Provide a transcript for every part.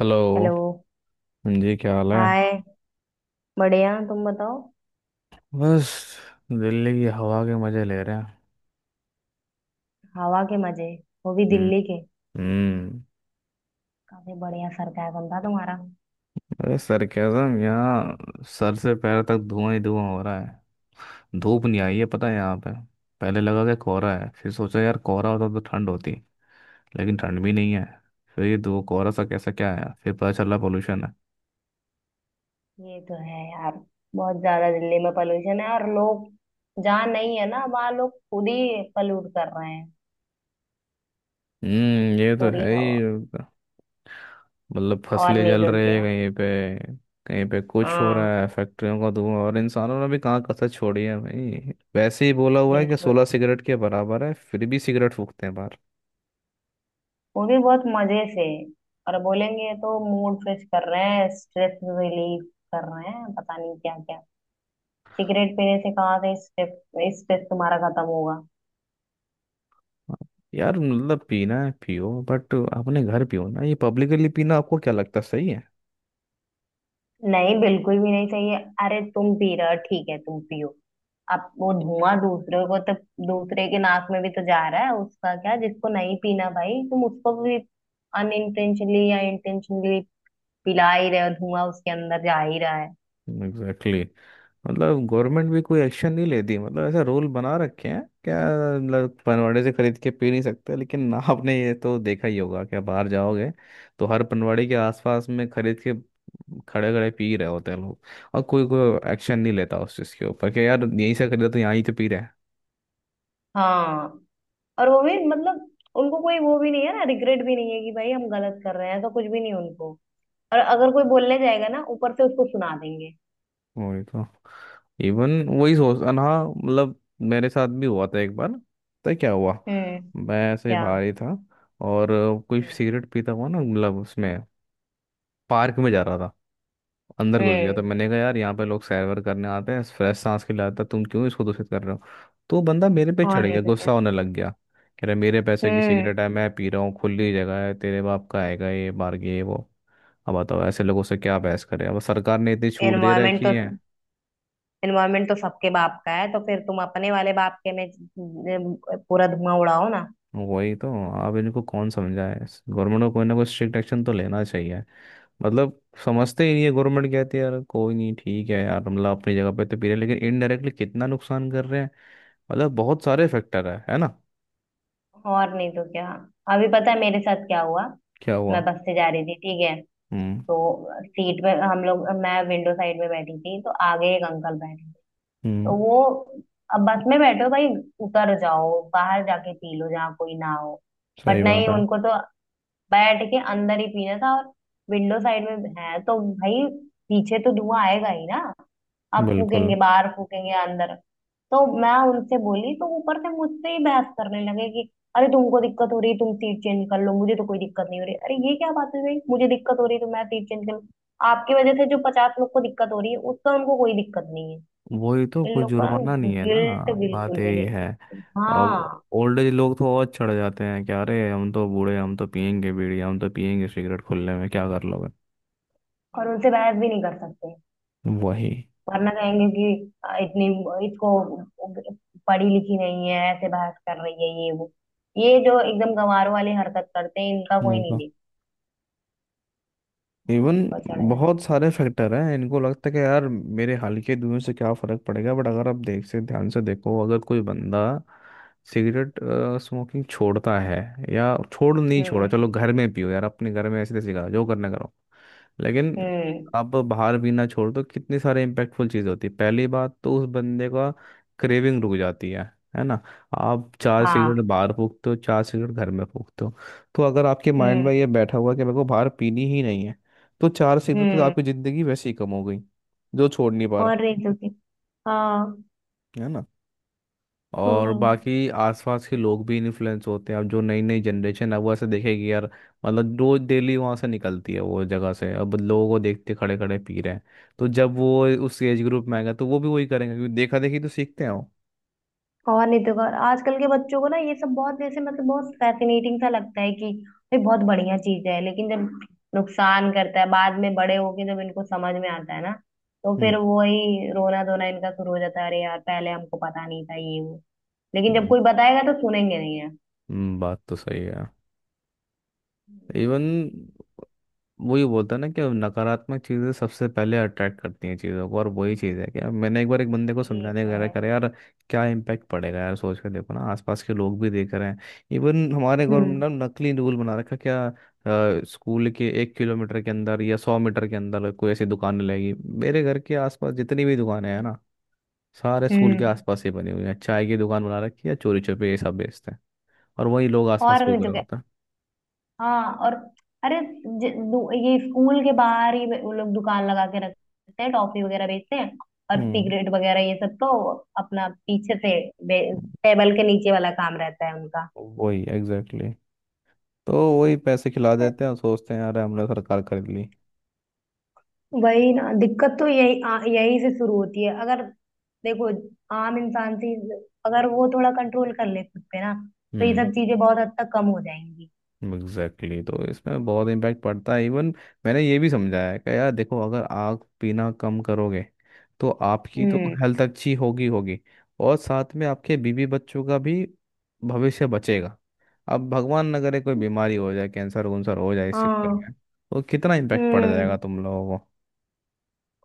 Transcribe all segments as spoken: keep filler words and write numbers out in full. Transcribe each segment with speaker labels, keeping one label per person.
Speaker 1: Hello.
Speaker 2: Hello.
Speaker 1: हाँ जी, क्या हाल है?
Speaker 2: हाय। बढ़िया, तुम बताओ।
Speaker 1: बस, दिल्ली की हवा के मजे ले रहे हैं.
Speaker 2: हवा के मजे, वो भी
Speaker 1: हम्म.
Speaker 2: दिल्ली के।
Speaker 1: हम्म,
Speaker 2: काफी बढ़िया सरकाजम था तुम्हारा।
Speaker 1: अरे सरकेज़म, यहाँ सर से पैर तक धुआं ही धुआं हो रहा है. धूप नहीं आई है, पता है यहाँ पे. पहले लगा कि कोहरा है, फिर सोचा यार कोहरा होता तो ठंड होती, लेकिन ठंड भी नहीं है. फिर ये धुआं कोहरा सा कैसा क्या आया, फिर पता चला पोल्यूशन है.
Speaker 2: ये तो है यार, बहुत ज्यादा दिल्ली में पोल्यूशन है। और लोग जहाँ नहीं है ना, वहाँ लोग खुद ही पल्यूट कर रहे हैं
Speaker 1: हम्म, ये तो
Speaker 2: पूरी
Speaker 1: है
Speaker 2: हवा।
Speaker 1: ही. मतलब
Speaker 2: और
Speaker 1: फसलें
Speaker 2: नहीं
Speaker 1: जल
Speaker 2: तो
Speaker 1: रही है
Speaker 2: क्या।
Speaker 1: कहीं पे, कहीं पे कुछ हो
Speaker 2: हाँ,
Speaker 1: रहा है, फैक्ट्रियों का धुआं, और इंसानों ने भी कहाँ कसर छोड़ी है भाई. वैसे ही बोला हुआ है कि
Speaker 2: बिल्कुल।
Speaker 1: सोलह सिगरेट के बराबर है, फिर भी सिगरेट फूकते हैं बाहर.
Speaker 2: वो भी बहुत मजे से। और बोलेंगे तो मूड फ्रेश कर रहे हैं, स्ट्रेस रिलीफ कर रहे हैं, पता नहीं क्या क्या। सिगरेट पीने से कहाँ से स्ट्रेस, स्ट्रेस तुम्हारा खत्म होगा।
Speaker 1: यार मतलब पीना है पियो, बट अपने घर पियो ना. ये पब्लिकली पीना आपको क्या लगता है सही है?
Speaker 2: नहीं, बिल्कुल भी नहीं चाहिए। अरे तुम पी रहे हो, ठीक है तुम पियो। अब वो धुआं दूसरे को तो, दूसरे के नाक में भी तो जा रहा है, उसका क्या जिसको नहीं पीना। भाई तुम उसको भी अनइंटेंशनली या इंटेंशनली पिला ही रहे हो, धुआं उसके अंदर जा ही रहा है।
Speaker 1: एग्जैक्टली. मतलब गवर्नमेंट भी कोई एक्शन नहीं लेती. मतलब ऐसा रूल बना रखे हैं क्या? मतलब पनवाड़े से खरीद के पी नहीं सकते, लेकिन आपने ये तो देखा ही होगा कि आप बाहर जाओगे तो हर पनवाड़ी के आसपास में खरीद के खड़े खड़े पी रहे होते हैं लोग. और कोई कोई एक्शन नहीं लेता उस चीज़ के ऊपर कि यार यहीं से खरीदा तो यहाँ ही तो पी रहे हैं.
Speaker 2: हाँ। और वो भी मतलब उनको कोई, वो भी नहीं है ना, रिग्रेट भी नहीं है कि भाई हम गलत कर रहे हैं। तो कुछ भी नहीं उनको। और अगर कोई बोलने जाएगा ना, ऊपर से उसको सुना देंगे।
Speaker 1: वही तो. इवन वही सोच अन हाँ मतलब मेरे साथ भी हुआ था एक बार. तो क्या हुआ,
Speaker 2: हम्म।
Speaker 1: मैं ऐसे ही
Speaker 2: क्या।
Speaker 1: बाहर ही था. और कोई
Speaker 2: हम्म।
Speaker 1: सिगरेट पीता हुआ ना, मतलब उसमें पार्क में जा रहा था, अंदर घुस गया. तो
Speaker 2: हम्म,
Speaker 1: मैंने कहा यार यहाँ पे लोग सैर वैर करने आते हैं, फ्रेश सांस के लिए आता है, तुम क्यों इसको दूषित कर रहे हो? तो वो बंदा मेरे पे
Speaker 2: और
Speaker 1: चढ़
Speaker 2: नहीं
Speaker 1: गया,
Speaker 2: तो क्या।
Speaker 1: गुस्सा होने लग गया. कह रहा मेरे पैसे की
Speaker 2: हम्म।
Speaker 1: सिगरेट है, मैं पी रहा हूँ, खुली जगह है, तेरे बाप का आएगा, ये बार ये वो. अब बताओ ऐसे लोगों से क्या बहस करें, अब सरकार ने इतनी छूट दे
Speaker 2: एनवायरमेंट
Speaker 1: रखी
Speaker 2: तो,
Speaker 1: है.
Speaker 2: एनवायरमेंट तो सबके बाप का है। तो फिर तुम अपने वाले बाप के में अ, पूरा धुआं उड़ाओ ना।
Speaker 1: वही तो. अब इनको कौन समझाए? गवर्नमेंट को कोई ना कोई स्ट्रिक्ट एक्शन तो लेना चाहिए. मतलब समझते ही नहीं है. गवर्नमेंट कहती है यार कोई नहीं, ठीक है यार, मतलब अपनी जगह पे तो पी रहे हैं, लेकिन इनडायरेक्टली कितना नुकसान कर रहे हैं. मतलब बहुत सारे फैक्टर है है ना?
Speaker 2: और नहीं तो क्या। अभी पता है मेरे साथ क्या हुआ।
Speaker 1: क्या हुआ?
Speaker 2: मैं बस से जा रही थी, ठीक है।
Speaker 1: हम्म.
Speaker 2: तो सीट में हम लोग, मैं विंडो साइड में बैठी थी, तो आगे एक अंकल बैठे थे। तो
Speaker 1: हम्म.
Speaker 2: वो, अब बस में बैठो भाई, उतर जाओ बाहर जाके पी लो जहाँ कोई ना हो। बट
Speaker 1: सही
Speaker 2: नहीं,
Speaker 1: बात है.
Speaker 2: उनको तो बैठ के अंदर ही पीना था। और विंडो साइड में है तो भाई पीछे तो धुआं आएगा ही ना। आप
Speaker 1: बिल्कुल.
Speaker 2: फूकेंगे बाहर, फूकेंगे अंदर। तो मैं उनसे बोली तो ऊपर से मुझसे ही बहस करने लगे कि अरे तुमको दिक्कत हो रही, तुम सीट चेंज कर लो, मुझे तो कोई दिक्कत नहीं हो रही। अरे ये क्या बात हुई भाई, मुझे दिक्कत हो रही है तो मैं सीट चेंज कर लूं। आपकी वजह से जो पचास लोग को दिक्कत हो रही है, उसका उनको कोई दिक्कत नहीं है।
Speaker 1: वही तो,
Speaker 2: इन
Speaker 1: कोई
Speaker 2: लोग को ना
Speaker 1: जुर्माना नहीं है ना.
Speaker 2: गिल्ट
Speaker 1: बात
Speaker 2: बिल्कुल भी
Speaker 1: यही है.
Speaker 2: नहीं।
Speaker 1: अब
Speaker 2: हाँ,
Speaker 1: ओल्ड एज लोग तो और चढ़ जाते हैं क्या, अरे हम तो बूढ़े, हम तो पियेंगे बीड़ी, हम तो पियेंगे सिगरेट खुले में, क्या कर लोगे.
Speaker 2: और उनसे बहस भी नहीं कर सकते
Speaker 1: वही.
Speaker 2: वरना कहेंगे कि अ, इतनी, इसको पढ़ी लिखी नहीं है, ऐसे बहस कर रही है, ये वो। ये जो एकदम गंवारों वाली हरकत करते हैं इनका कोई नहीं देखता। हमारे
Speaker 1: इवन
Speaker 2: ऊपर चढ़ जाए।
Speaker 1: बहुत सारे फैक्टर हैं. इनको लगता है कि यार मेरे हाल के दुनिया से क्या फर्क पड़ेगा, बट अगर आप देख से ध्यान से देखो, अगर कोई बंदा सिगरेट स्मोकिंग छोड़ता है, या छोड़ नहीं, छोड़ा
Speaker 2: हम्म।
Speaker 1: चलो घर में पियो यार, अपने घर में ऐसे तैसे करा जो करना करो, लेकिन
Speaker 2: हम्म।
Speaker 1: आप बाहर पीना छोड़ दो, कितनी सारी इम्पैक्टफुल चीज़ होती है. पहली बात तो उस बंदे का क्रेविंग रुक जाती है है ना. आप चार सिगरेट
Speaker 2: हाँ।
Speaker 1: बाहर फूकते हो, चार सिगरेट घर में फूकते हो, तो अगर आपके माइंड में ये
Speaker 2: हम्म।
Speaker 1: बैठा हुआ है कि मेरे को बाहर पीनी ही नहीं है, तो चार सिगरेट तो
Speaker 2: हम्म।
Speaker 1: आपकी ज़िंदगी वैसे ही कम हो गई, जो छोड़ नहीं पा रहा.
Speaker 2: और नहीं तो क्या। हाँ।
Speaker 1: है ना. और
Speaker 2: हम्म।
Speaker 1: बाकी आसपास के लोग भी इन्फ्लुएंस होते हैं. अब जो नई नई जनरेशन है वो ऐसे देखेगी यार, मतलब रोज डेली वहां से निकलती है वो जगह से, अब लोगों को देखते खड़े खड़े पी रहे हैं. तो जब वो उस एज ग्रुप में आएगा तो वो भी वही करेंगे, क्योंकि देखा देखी तो सीखते हैं वो.
Speaker 2: और नहीं तो और आजकल के बच्चों को ना ये सब बहुत जैसे मतलब बहुत फैसिनेटिंग सा लगता है कि ये बहुत बढ़िया चीज है। लेकिन जब नुकसान करता है बाद में बड़े होके जब इनको समझ में आता है ना, तो
Speaker 1: हम्म.
Speaker 2: फिर वही रोना धोना इनका शुरू हो जाता है, अरे यार पहले हमको पता नहीं था, ये वो। लेकिन जब
Speaker 1: हम्म,
Speaker 2: कोई बताएगा तो सुनेंगे नहीं है।
Speaker 1: हम्म, बात तो सही है. इवन वही बोलता है ना कि नकारात्मक चीज़ें सबसे पहले अट्रैक्ट करती हैं चीज़ों को, और वही चीज़ है कि अब मैंने एक बार एक बंदे को
Speaker 2: ये
Speaker 1: समझाने
Speaker 2: तो
Speaker 1: वगैरह
Speaker 2: है।
Speaker 1: करा यार, क्या इम्पैक्ट पड़ेगा यार, सोच के देखो ना, आसपास के लोग भी देख रहे हैं. इवन हमारे गवर्नमेंट
Speaker 2: हम्म।
Speaker 1: ने नकली रूल बना रखा क्या, स्कूल के एक किलोमीटर के अंदर या सौ मीटर के अंदर कोई ऐसी दुकान लगेगी. मेरे घर के आसपास जितनी भी दुकानें हैं ना, सारे स्कूल के
Speaker 2: हम्म।
Speaker 1: आसपास ही बनी हुई हैं. चाय की दुकान बना रखी है, चोरी छुपे ये सब बेचते हैं. और वही लोग आसपास
Speaker 2: और
Speaker 1: फूक
Speaker 2: नहीं तो
Speaker 1: रहे
Speaker 2: क्या।
Speaker 1: होते हैं.
Speaker 2: हाँ। और अरे ज- दु- ये स्कूल के बाहर ही वो लोग दुकान लगा के रखते हैं, टॉफी वगैरह बेचते हैं। और
Speaker 1: हम्म.
Speaker 2: सिगरेट वगैरह ये सब तो अपना पीछे से, बे-
Speaker 1: हम्म,
Speaker 2: टेबल के नीचे वाला काम रहता है उनका।
Speaker 1: वही एग्जैक्टली. तो वही पैसे खिला देते हैं और सोचते हैं यार हमने सरकार खरीद ली.
Speaker 2: वही ना, दिक्कत तो यही आ, यही से शुरू होती है। अगर देखो आम इंसान से, अगर वो थोड़ा कंट्रोल कर ले खुद पे ना, तो ये
Speaker 1: हम्म.
Speaker 2: सब चीजें बहुत हद तक कम हो जाएंगी।
Speaker 1: Exactly exactly. तो इसमें बहुत इम्पैक्ट पड़ता है. इवन मैंने ये भी समझाया है कि यार देखो, अगर आप पीना कम करोगे, तो आपकी तो
Speaker 2: हम्म।
Speaker 1: हेल्थ अच्छी होगी होगी और साथ में आपके बीवी बच्चों का भी भविष्य बचेगा. अब भगवान न करे कोई बीमारी हो जाए, कैंसर वंसर हो जाए, इस चक्कर
Speaker 2: हाँ।
Speaker 1: में तो कितना इम्पैक्ट पड़ जाएगा
Speaker 2: हम्म।
Speaker 1: तुम लोगों को.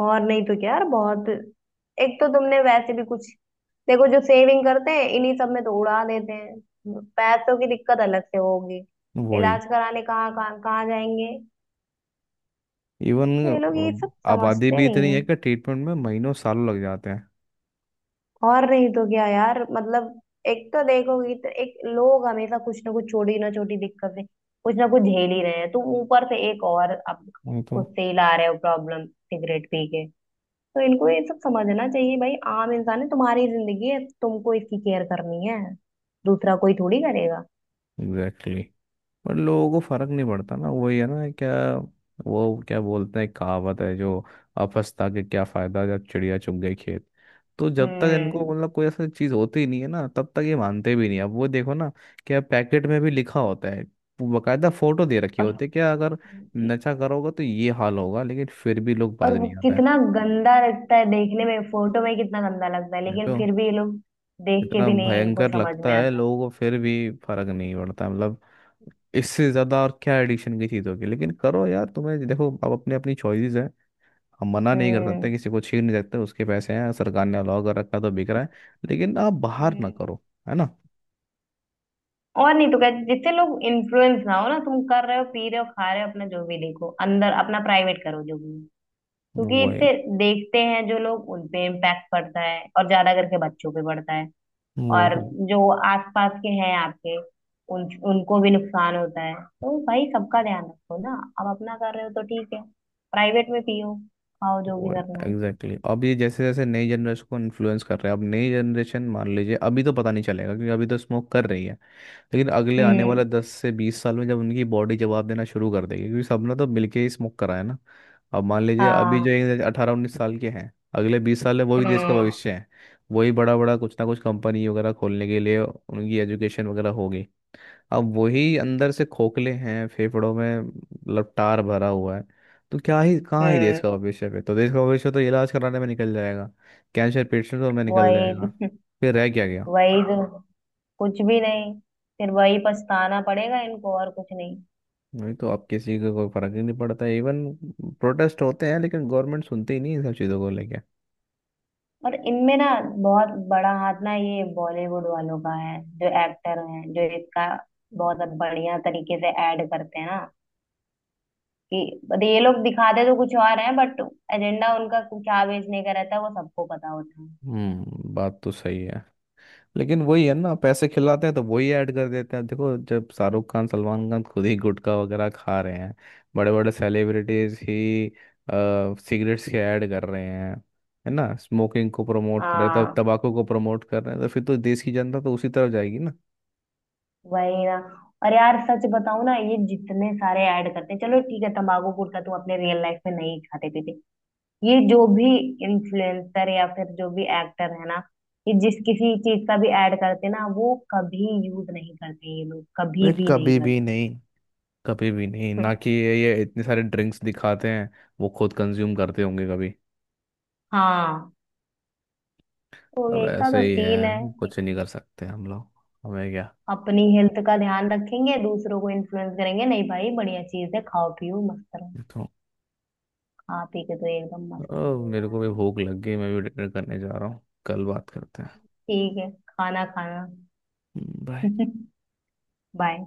Speaker 2: और नहीं तो क्या यार, बहुत। एक तो तुमने वैसे भी कुछ, देखो जो सेविंग करते हैं इन्हीं सब में तो उड़ा देते हैं। पैसों की दिक्कत अलग से होगी,
Speaker 1: वही.
Speaker 2: इलाज कराने कहाँ कहाँ कहाँ जाएंगे।
Speaker 1: इवन
Speaker 2: तो ये लोग ये सब
Speaker 1: आबादी
Speaker 2: समझते
Speaker 1: भी
Speaker 2: नहीं
Speaker 1: इतनी है
Speaker 2: है।
Speaker 1: कि ट्रीटमेंट में महीनों सालों लग जाते हैं.
Speaker 2: और नहीं तो क्या यार, मतलब एक तो देखोगी तो एक लोग हमेशा कुछ ना कुछ छोटी ना छोटी दिक्कत से कुछ ना कुछ झेल ही रहे हैं। तुम ऊपर से एक और अब
Speaker 1: वही तो.
Speaker 2: खुद से ही ला रहे हो प्रॉब्लम, सिगरेट पी के। तो इनको ये सब समझना चाहिए भाई, आम इंसान है, तुम्हारी जिंदगी है, तुमको इसकी केयर करनी है, दूसरा कोई थोड़ी करेगा।
Speaker 1: Exactly exactly. पर लोगों को फर्क नहीं पड़ता ना, वही है ना क्या, वो क्या बोलते हैं कहावत है जो, अफसता के क्या फायदा जब चिड़िया चुग गई खेत. तो जब तक इनको,
Speaker 2: हम्म।
Speaker 1: मतलब कोई ऐसा चीज होती ही नहीं है ना, तब तक ये मानते भी नहीं. अब वो देखो ना, क्या पैकेट में भी लिखा होता है, वो बकायदा फोटो दे रखी
Speaker 2: और
Speaker 1: होती है क्या, अगर नशा करोगे तो ये हाल होगा, लेकिन फिर भी लोग बाज
Speaker 2: और वो
Speaker 1: नहीं आता है.
Speaker 2: कितना गंदा लगता है देखने में, फोटो में कितना गंदा लगता है,
Speaker 1: नहीं
Speaker 2: लेकिन
Speaker 1: तो
Speaker 2: फिर भी ये लोग देख के
Speaker 1: इतना
Speaker 2: भी नहीं इनको
Speaker 1: भयंकर
Speaker 2: समझ
Speaker 1: लगता
Speaker 2: में
Speaker 1: है
Speaker 2: आता।
Speaker 1: लोगों को, फिर भी फर्क नहीं पड़ता मतलब. इससे ज्यादा और क्या एडिक्शन की चीज होगी, लेकिन करो यार तुम्हें देखो, अब अपनी अपनी चॉइसेस है, हम मना नहीं कर
Speaker 2: हम्म।
Speaker 1: सकते किसी को, छीन नहीं सकते, उसके पैसे हैं, सरकार ने अलाउ कर रखा है, तो बिक रहा है. लेकिन आप बाहर ना
Speaker 2: हम्म।
Speaker 1: करो, है ना.
Speaker 2: और नहीं तो क्या, जिससे लोग इन्फ्लुएंस ना हो ना। तुम कर रहे हो, पी रहे हो, खा रहे हो, अपना जो भी, देखो अंदर अपना प्राइवेट करो जो भी। क्योंकि
Speaker 1: वो है.
Speaker 2: इससे देखते हैं जो लोग उन पे इम्पैक्ट पड़ता है, और ज्यादा करके बच्चों पे पड़ता है।
Speaker 1: वो
Speaker 2: और
Speaker 1: है.
Speaker 2: जो आसपास के हैं आपके, उन, उनको भी नुकसान होता है। तो भाई सबका ध्यान रखो ना। अब अपना कर रहे हो तो ठीक है, प्राइवेट में पियो, खाओ, जो भी
Speaker 1: वो है.
Speaker 2: करना है।
Speaker 1: Exactly exactly. अब ये जैसे जैसे नई जनरेशन को इन्फ्लुएंस कर रहे हैं, अब नई जनरेशन मान लीजिए अभी तो पता नहीं चलेगा, क्योंकि अभी तो स्मोक कर रही है, लेकिन अगले आने वाले
Speaker 2: हम्म।
Speaker 1: दस से बीस साल में जब उनकी बॉडी जवाब देना शुरू कर देगी, क्योंकि सबने तो मिलके ही स्मोक करा है ना. अब मान लीजिए अभी
Speaker 2: हाँ।
Speaker 1: जो एक अठारह उन्नीस साल के हैं, अगले बीस साल है वही देश का
Speaker 2: हम्म।
Speaker 1: भविष्य है. वही बड़ा बड़ा कुछ ना कुछ कंपनी वगैरह खोलने के लिए उनकी एजुकेशन वगैरह होगी. अब वही अंदर से खोखले हैं, फेफड़ों में लपटार भरा हुआ है. तो क्या ही, कहाँ ही देश
Speaker 2: हम्म।
Speaker 1: का भविष्य पे, तो देश का भविष्य तो इलाज कराने में निकल जाएगा, कैंसर पेशेंटों में निकल
Speaker 2: वही।
Speaker 1: जाएगा. फिर रह क्या गया.
Speaker 2: वही तो, कुछ भी नहीं। फिर वही पछताना पड़ेगा इनको और कुछ नहीं।
Speaker 1: नहीं तो अब किसी को कोई फर्क ही नहीं पड़ता. इवन प्रोटेस्ट होते हैं लेकिन गवर्नमेंट सुनती ही नहीं इन सब चीज़ों को लेके.
Speaker 2: और इनमें ना बहुत बड़ा हाथ ना ये बॉलीवुड वालों का है। जो एक्टर हैं जो इसका बहुत बढ़िया तरीके से ऐड करते हैं ना, कि but ये लोग दिखाते तो कुछ और है, बट एजेंडा उनका क्या बेचने का रहता है वो सबको पता होता है।
Speaker 1: हम्म, बात तो सही है. लेकिन वही है ना, पैसे खिलाते हैं तो वही ऐड कर देते हैं. देखो जब शाहरुख खान सलमान खान खुद ही गुटखा वगैरह खा रहे हैं, बड़े बड़े सेलिब्रिटीज ही सिगरेट्स के ऐड कर रहे हैं, है ना, स्मोकिंग को प्रमोट कर रहे हैं, तब
Speaker 2: हाँ।
Speaker 1: तंबाकू को प्रमोट कर रहे हैं, तो फिर तो देश की जनता तो उसी तरफ जाएगी ना.
Speaker 2: वही ना। और यार सच बताऊं ना, ये जितने सारे ऐड करते हैं, चलो ठीक है तंबाकू गुटखा तुम अपने रियल लाइफ में नहीं खाते पीते। ये जो भी इन्फ्लुएंसर या फिर जो भी एक्टर है ना, ये जिस किसी चीज का भी ऐड करते हैं ना, वो कभी यूज नहीं करते ये लोग,
Speaker 1: वे
Speaker 2: कभी भी नहीं
Speaker 1: कभी भी नहीं, कभी भी नहीं ना,
Speaker 2: करते।
Speaker 1: कि ये ये इतने सारे ड्रिंक्स दिखाते हैं, वो खुद कंज्यूम करते होंगे कभी.
Speaker 2: हाँ, तो
Speaker 1: अब
Speaker 2: ये ऐसा
Speaker 1: ऐसे
Speaker 2: तो
Speaker 1: ही
Speaker 2: सीन है।
Speaker 1: है, कुछ नहीं कर सकते हम लोग, हमें
Speaker 2: अपनी हेल्थ का ध्यान रखेंगे, दूसरों को इन्फ्लुएंस करेंगे नहीं। भाई बढ़िया चीज है, खाओ पियो मस्त रहो।
Speaker 1: क्या.
Speaker 2: खा पी के तो एकदम मस्त ही
Speaker 1: अब
Speaker 2: हुए
Speaker 1: मेरे
Speaker 2: जा
Speaker 1: को
Speaker 2: रहे
Speaker 1: भी
Speaker 2: हैं।
Speaker 1: भूख लग गई, मैं भी डिनर करने जा रहा हूँ. कल बात करते हैं.
Speaker 2: ठीक है, खाना खाना।
Speaker 1: बाय.
Speaker 2: बाय।